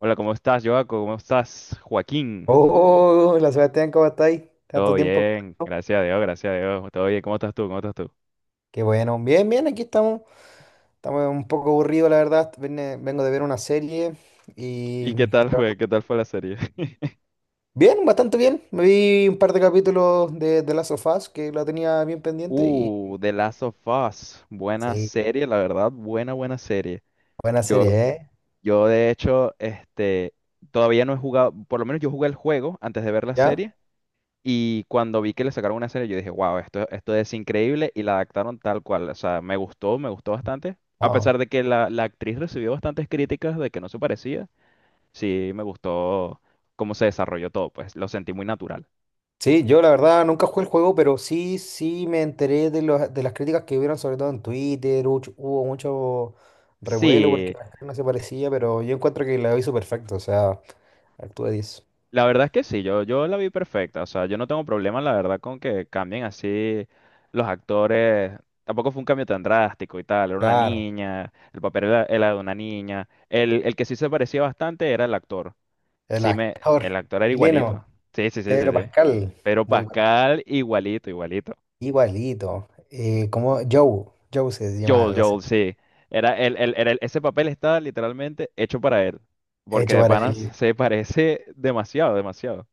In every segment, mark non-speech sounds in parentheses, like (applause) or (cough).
Hola, ¿cómo estás, Joaco? ¿Cómo estás, Joaquín? Oh, hola Sebastián, ¿cómo estáis? Todo Tanto tiempo. bien, gracias a Dios, gracias a Dios. Todo bien, ¿cómo estás tú? ¿Cómo estás tú? Qué bueno. Bien, bien, aquí estamos. Estamos un poco aburridos, la verdad. Vengo de ver una serie ¿Y y... qué tal fue? ¿Qué tal fue la serie? (laughs) Bien, bastante bien. Me vi un par de capítulos de Last of Us que la tenía bien pendiente y... The Last of Us. Buena Sí, serie, la verdad, buena, buena serie. buena Yo, serie, ¿eh? yo de hecho, todavía no he jugado, por lo menos yo jugué el juego antes de ver la ¿Ya? serie. Y cuando vi que le sacaron una serie, yo dije, wow, esto es increíble y la adaptaron tal cual. O sea, me gustó bastante. A Ah. pesar de que la actriz recibió bastantes críticas de que no se parecía. Sí, me gustó cómo se desarrolló todo, pues lo sentí muy natural. Sí, yo la verdad nunca jugué el juego, pero sí, sí me enteré de, de las críticas que hubieron, sobre todo en Twitter. Hubo mucho revuelo porque Sí, la gente no se parecía, pero yo encuentro que la hizo perfecto, o sea... Actúa 10. la verdad es que sí, yo la vi perfecta, o sea, yo no tengo problema, la verdad, con que cambien así los actores. Tampoco fue un cambio tan drástico y tal, era una Claro. niña, el papel era de una niña. El que sí se parecía bastante era el actor. El Sí, me, actor el actor era chileno, igualito. Sí, sí, sí, sí, Pedro sí. Pascal. Pero Muy bueno. Pascal, igualito, igualito. Igualito. Como Joe. Joe se llama Joel, la serie. Joel, sí. Era el- era el- Ese papel está literalmente hecho para él, porque Hecho de para panas él. se parece (laughs) demasiado, demasiado.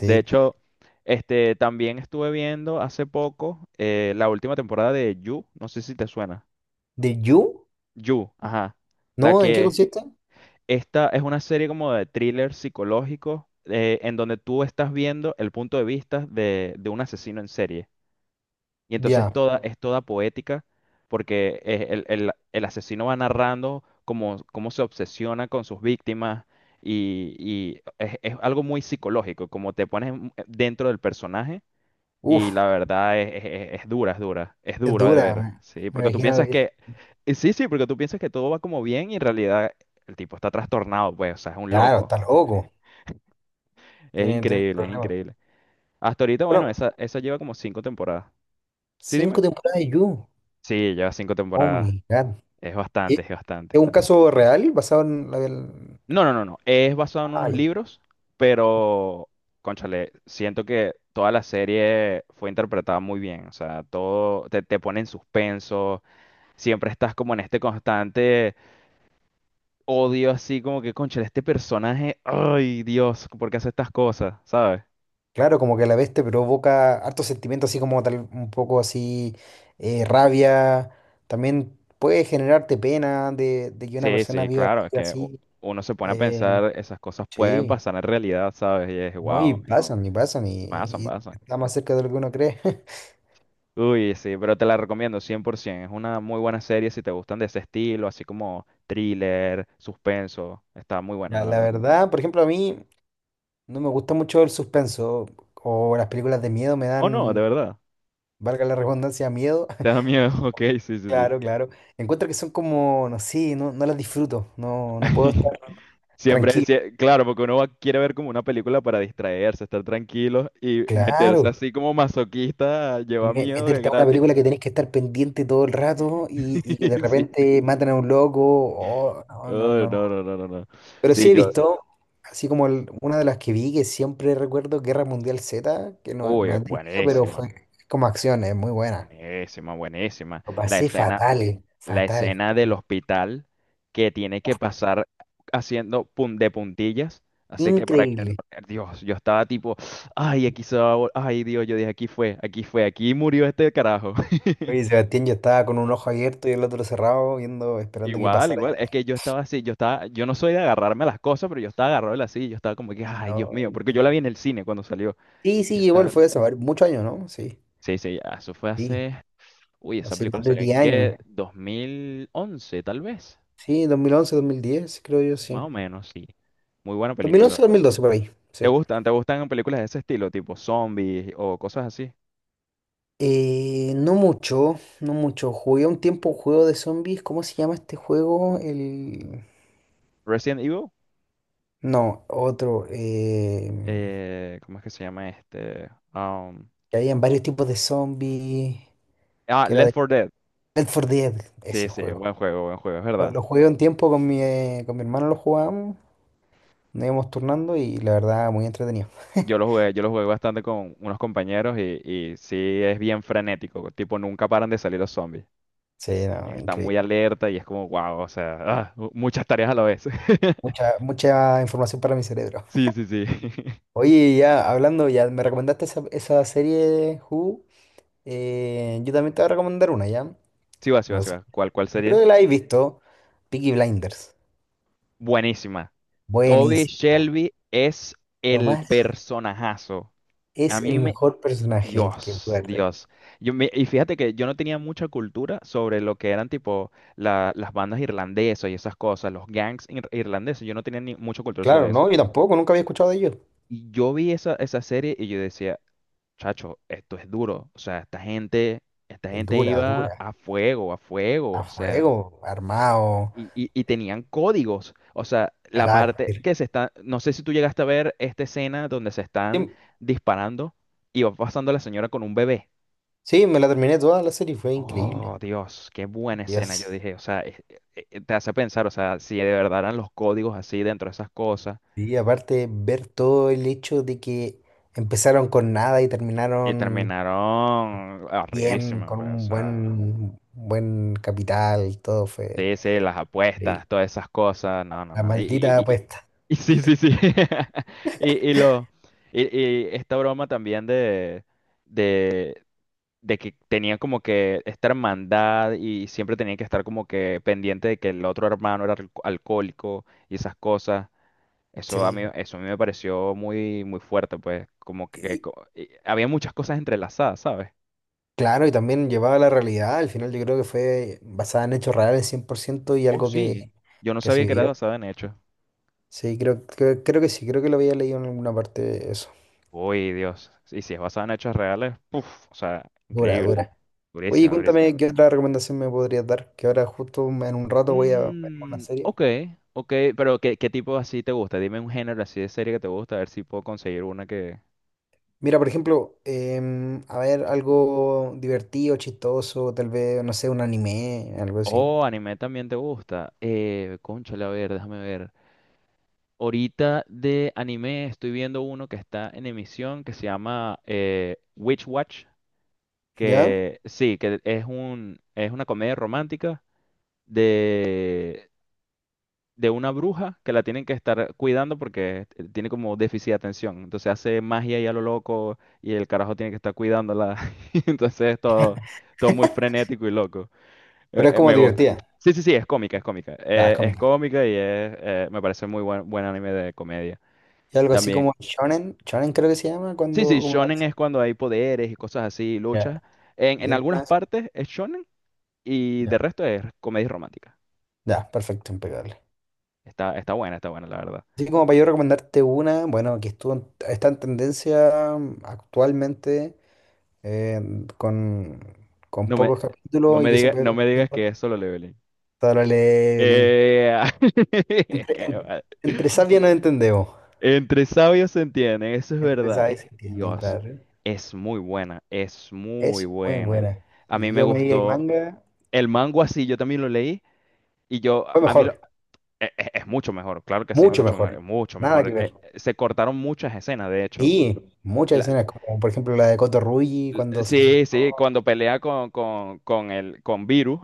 De hecho, también estuve viendo hace poco la última temporada de You, no sé si te suena. ¿De You? You, ajá. La No, ¿en qué que consiste? Esta es una serie como de thriller psicológico en donde tú estás viendo el punto de vista de un asesino en serie. Y entonces Ya. Es toda poética, porque el asesino va narrando cómo, cómo se obsesiona con sus víctimas y es algo muy psicológico, como te pones en- dentro del personaje y Uf, la verdad es dura, es dura, es es duro de dura. ver, Me, sí, me porque tú imagino piensas que. que, sí, sí, porque tú piensas que todo va como bien y en realidad el tipo está trastornado, pues, o sea, es un Claro, loco, está loco. es Tiene, tiene increíble, es problemas. increíble. Hasta ahorita, Pero, bueno, esa lleva como cinco temporadas. Sí, dime. cinco temporadas de You. Sí, lleva cinco Oh temporadas. my God. Es ¿Es bastante, es es bastante. un caso real basado en la... No, no, no, no. Es basado en Ah, unos ya. libros, pero cónchale, siento que toda la serie fue interpretada muy bien. O sea, todo te, te pone en suspenso. Siempre estás como en este constante odio, así como que, cónchale, este personaje, ay, Dios, ¿por qué hace estas cosas? ¿Sabes? Claro, como que a la vez te provoca hartos sentimientos, así como tal, un poco así, rabia. También puede generarte pena de que una Sí, persona sí, viva la claro, es vida que así. uno se pone a eh, pensar, esas cosas pueden sí, pasar en realidad, ¿sabes? Y es, ¿no? Y wow, pasan, y pasan, y, pasan, y pasan. está más cerca de lo que uno cree. (laughs) Uy, sí, pero te la recomiendo 100%. Es una muy buena serie si te gustan de ese estilo, así como thriller, suspenso. Está muy buena, Ya, la la verdad. verdad, por ejemplo, a mí no me gusta mucho el suspenso o las películas de miedo me Oh, no, de dan, verdad. valga la redundancia, miedo. Te da (laughs) miedo. (laughs) Ok, sí, sí, sí. Claro, claro. Encuentro que son como, no sé, no, no las disfruto, no, no puedo estar (laughs) Siempre, tranquilo. sie- claro, porque uno va- quiere ver como una película para distraerse, estar tranquilo y meterse Claro. así como masoquista lleva miedo de Meterte a una gratis. película que (laughs) tenés que estar pendiente todo el rato y que de Sí, sí. repente matan a un loco. Oh, no, no, Oh, no. no, no, no, no, no. Pero Sí, sí he yo. visto, así como una de las que vi, que siempre recuerdo, Guerra Mundial Z, que no, no Uy, he tenido, pero buenísima. fue como acción, es muy buena. Buenísima, buenísima. Lo pasé fatal, La fatal, escena del fatal. hospital que tiene que pasar haciendo de puntillas. Así que para que Increíble. Dios, yo estaba tipo, ay, aquí se va, a ay, Dios, yo dije, aquí fue, aquí fue, aquí murió este carajo. (laughs) Oye, Sebastián, yo estaba con un ojo abierto y el otro cerrado, viendo, esperando que Igual, pasara. igual, es que yo estaba así, yo estaba, yo no soy de agarrarme a las cosas, pero yo estaba agarrado de la silla, yo estaba como que, ay, Dios No, mío, porque yo la vi increíble. en el cine cuando salió. Sí, Y sí, yo igual estaba, fue eso, a ver, muchos años, ¿no? Sí, sí, sí, eso fue sí, hace, uy, esa hace película más de salió en 10 qué, años. 2011 tal vez. Sí, dos mil once, 2010, creo yo, sí. Más o menos, sí. Muy buena Dos mil película. once, 2012 por ahí, sí. ¿Te gustan? ¿Te gustan películas de ese estilo, tipo zombies o cosas así? No mucho, no mucho. Jugué un tiempo un juego de zombies. ¿Cómo se llama este juego? El... Resident Evil, No, otro. ¿Cómo es que se llama este? Um, Que habían varios tipos de zombies. ah, Que era Left de 4 Dead. Left 4 Dead, Sí, ese sí, juego. Buen juego, es Lo, verdad. lo jugué un tiempo con mi hermano, lo jugábamos. Nos íbamos turnando y la verdad, muy entretenido. (laughs) Yo lo jugué bastante con unos compañeros y sí es bien frenético, tipo nunca paran de salir los zombies. Sí, no, Está muy increíble. alerta y es como, wow, o sea, ah, mu- muchas tareas a la vez. (laughs) Mucha, mucha información para mi cerebro. Sí, sí, sí. (laughs) Oye, ya hablando, ya me recomendaste esa serie de Who. Yo también te voy a recomendar una, ¿ya? Sí va, sí va, No sí sé, va. ¿Cuál, cuál yo creo sería? que la habéis visto. Peaky Blinders. Buenísima. Toby Buenísima. Shelby es el Tomás personajazo. es A el mí me... mejor personaje que Dios, puede haber tenido. Dios. Y fíjate que yo no tenía mucha cultura sobre lo que eran tipo las bandas irlandesas y esas cosas, los gangs irlandeses. Yo no tenía ni mucha cultura Claro, sobre eso. no, yo tampoco, nunca había escuchado de ellos. Y yo vi esa, esa serie y yo decía, chacho, esto es duro. O sea, esta Es gente dura, iba dura. a fuego, a fuego. A O sea... fuego, armado, y tenían códigos. O sea, la parte carácter. que se está. No sé si tú llegaste a ver esta escena donde se Sí, están disparando y va pasando la señora con un bebé. sí, me la terminé toda la serie, fue increíble. Oh, Dios, qué buena escena. Yo Dios. dije, o sea, te hace pensar, o sea, si de verdad eran los códigos así dentro de esas cosas. Y aparte, ver todo el hecho de que empezaron con nada y Y terminaron terminaron bien, arribísimo, con pues, o un sea. buen, buen capital, todo fue Sí, sí, las increíble. apuestas, todas esas cosas. No, no, La no. Maldita apuesta. (laughs) y sí, sí, sí. (laughs) Y, y lo. Y esta broma también de, de que tenía como que esta hermandad y siempre tenía que estar como que pendiente de que el otro hermano era alcohólico y esas cosas. Sí. Eso a mí me pareció muy, muy fuerte, pues. Como que, Y- y había muchas cosas entrelazadas, ¿sabes? claro, y también llevaba la realidad. Al final yo creo que fue basada en hechos reales 100% y Oh, algo sí. Yo no que se sabía que era vivió. basado en hechos. Sí, creo, creo, creo que sí, creo que lo había leído en alguna parte eso. Uy, Dios. Y si es basado en hechos reales, puf, o sea, Dura, increíble. dura. Oye, Durísima, durísima. cuéntame qué otra recomendación me podrías dar, que ahora justo en un rato voy a ver una Mm, serie. ok, ok, pero ¿qué, qué tipo así te gusta? Dime un género así de serie que te gusta, a ver si puedo conseguir una que... Mira, por ejemplo, a ver, algo divertido, chistoso, tal vez, no sé, un anime, algo así. Oh, anime también te gusta. Cónchale, a ver, déjame ver. Ahorita de anime estoy viendo uno que está en emisión que se llama Witch Watch, ¿Ya? que sí, que es es una comedia romántica de de una bruja que la tienen que estar cuidando porque tiene como déficit de atención. Entonces hace magia y a lo loco y el carajo tiene que estar cuidándola. (laughs) Y entonces es todo, todo muy frenético y loco. Pero es como Me gusta. divertida. Sí, sí, sí, es cómica, es cómica. Ya, es Es cómica. cómica y es, me parece muy buen, buen anime de comedia Y algo así también. como shonen, shonen creo que se llama, Sí, cuando... sí, Como... shonen es cuando hay poderes y cosas así, Ya. luchas. En, Y en algunas algunas... partes es shonen y de Ya. resto es comedia romántica. Ya, perfecto, impecable. Está, está buena, la verdad. Así como para yo recomendarte una, bueno, que estuvo, está en tendencia actualmente, eh, con, con No me, pocos capítulos y que se puede no ver. me digas que es Solo Leveling. Dale, link. Eh, (laughs) Entre, qué en- mal. entre sabias nos entendemos. Entre sabios se entienden, eso es verdad. Empezaba y se Es- entienden, Dios, claro. es muy buena, es muy Es muy buena. buena. A mí Y me yo me vi el gustó manga, el mango así, yo también lo leí y yo, fue a mí lo- mejor, e- e- es, mucho mejor, claro que sí, es mucho mucho, mejor. mucho Nada mejor. que ver. Se cortaron muchas escenas, de hecho. Y muchas La- escenas, como por ejemplo la de Kotorugi cuando se sí, asustó. sí, cuando pelea con el, con Virus,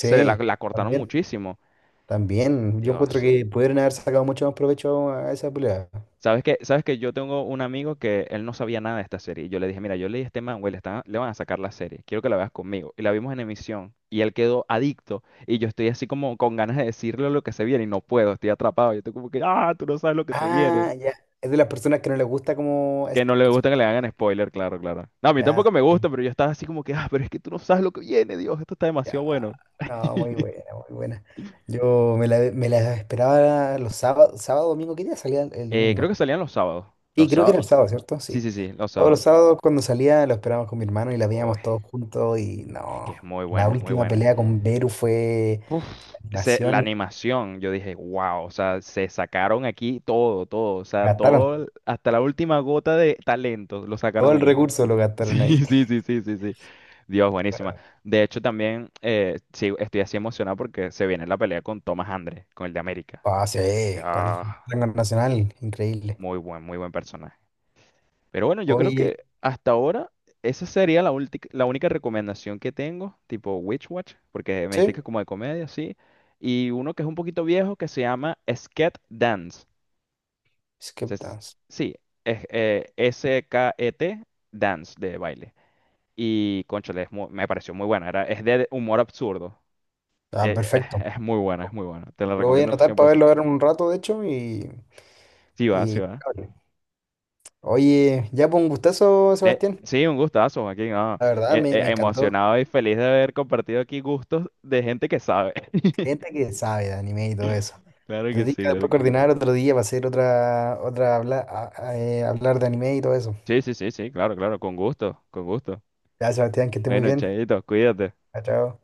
la cortaron también, muchísimo. también. Yo encuentro Dios. que pudieron haber sacado mucho más provecho a esa pelea. Sabes que yo tengo un amigo que él no sabía nada de esta serie. Y yo le dije, mira, yo leí a este man, güey, le van a sacar la serie. Quiero que la veas conmigo. Y la vimos en emisión. Y él quedó adicto. Y yo estoy así como con ganas de decirle lo que se viene. Y no puedo, estoy atrapado. Yo estoy como que, ah, tú no sabes lo que se viene. Ah, ya. Es de las personas que no les gusta como... Que no le gusta que le hagan spoiler, claro, claro. No, a mí Ya, tampoco me sí, gusta, pero yo estaba así como que, ah, pero es que tú no sabes lo que viene, Dios, esto está ya. demasiado bueno. No, muy buena, (laughs) muy buena. Yo me la esperaba los sábados, sábado, domingo. ¿Qué día salía el creo domingo? que salían los sábados. Y Los creo que sábados. era el sábado, ¿cierto? Sí, Sí. sí, sí, los Todos los sábados. sábados cuando salía lo esperábamos con mi hermano y la Uy, veíamos todos juntos y es que es no. muy La buena, Oh. es muy última buena. pelea con Beru fue Uf, ese- la animación. animación, yo dije, wow, o sea, se sacaron aquí todo, todo, o sea, Gastaron todo, hasta la última gota de talento lo todo sacaron el ahí. (laughs) recurso, lo gastaron Sí, ahí. sí, sí, sí, sí, sí. Dios, buenísima. De hecho, también sí, estoy así emocionado porque se viene la pelea con Thomas Andre, con el de América. Ah, sí, con el Ya, rango nacional, increíble. Muy buen personaje. Pero bueno, yo creo Oye, que hasta ahora esa sería la, la única recomendación que tengo, tipo Witch Watch, porque me dijiste sí, que como de comedia, sí. Y uno que es un poquito viejo que se llama Sket Dance. Se- Skip se- Dance. Sí, es, S-K-E-T Dance de baile. Y cónchale, me pareció muy buena. Es de humor absurdo. Ah, perfecto. Es muy buena, es muy buena. Te la Lo voy a recomiendo anotar para verlo 100%. ahora en un rato, de hecho, Sí va, sí y... va. Oye, ya fue un gustazo, Sebastián. Sí, un gustazo, Joaquín. Ah. La verdad, me, me encantó. Emocionado y feliz de haber compartido aquí gustos de gente que sabe. (laughs) Gente que sabe de anime y todo eso. Claro Te que tienes sí, que claro después que sí. coordinar otro día para hacer otra, otra hablar de anime y todo eso. Sí, sí, sí, sí, claro, claro, con gusto, con gusto. Ya, Sebastián, que esté muy Bueno, bien. chaito, cuídate. Chao, chao.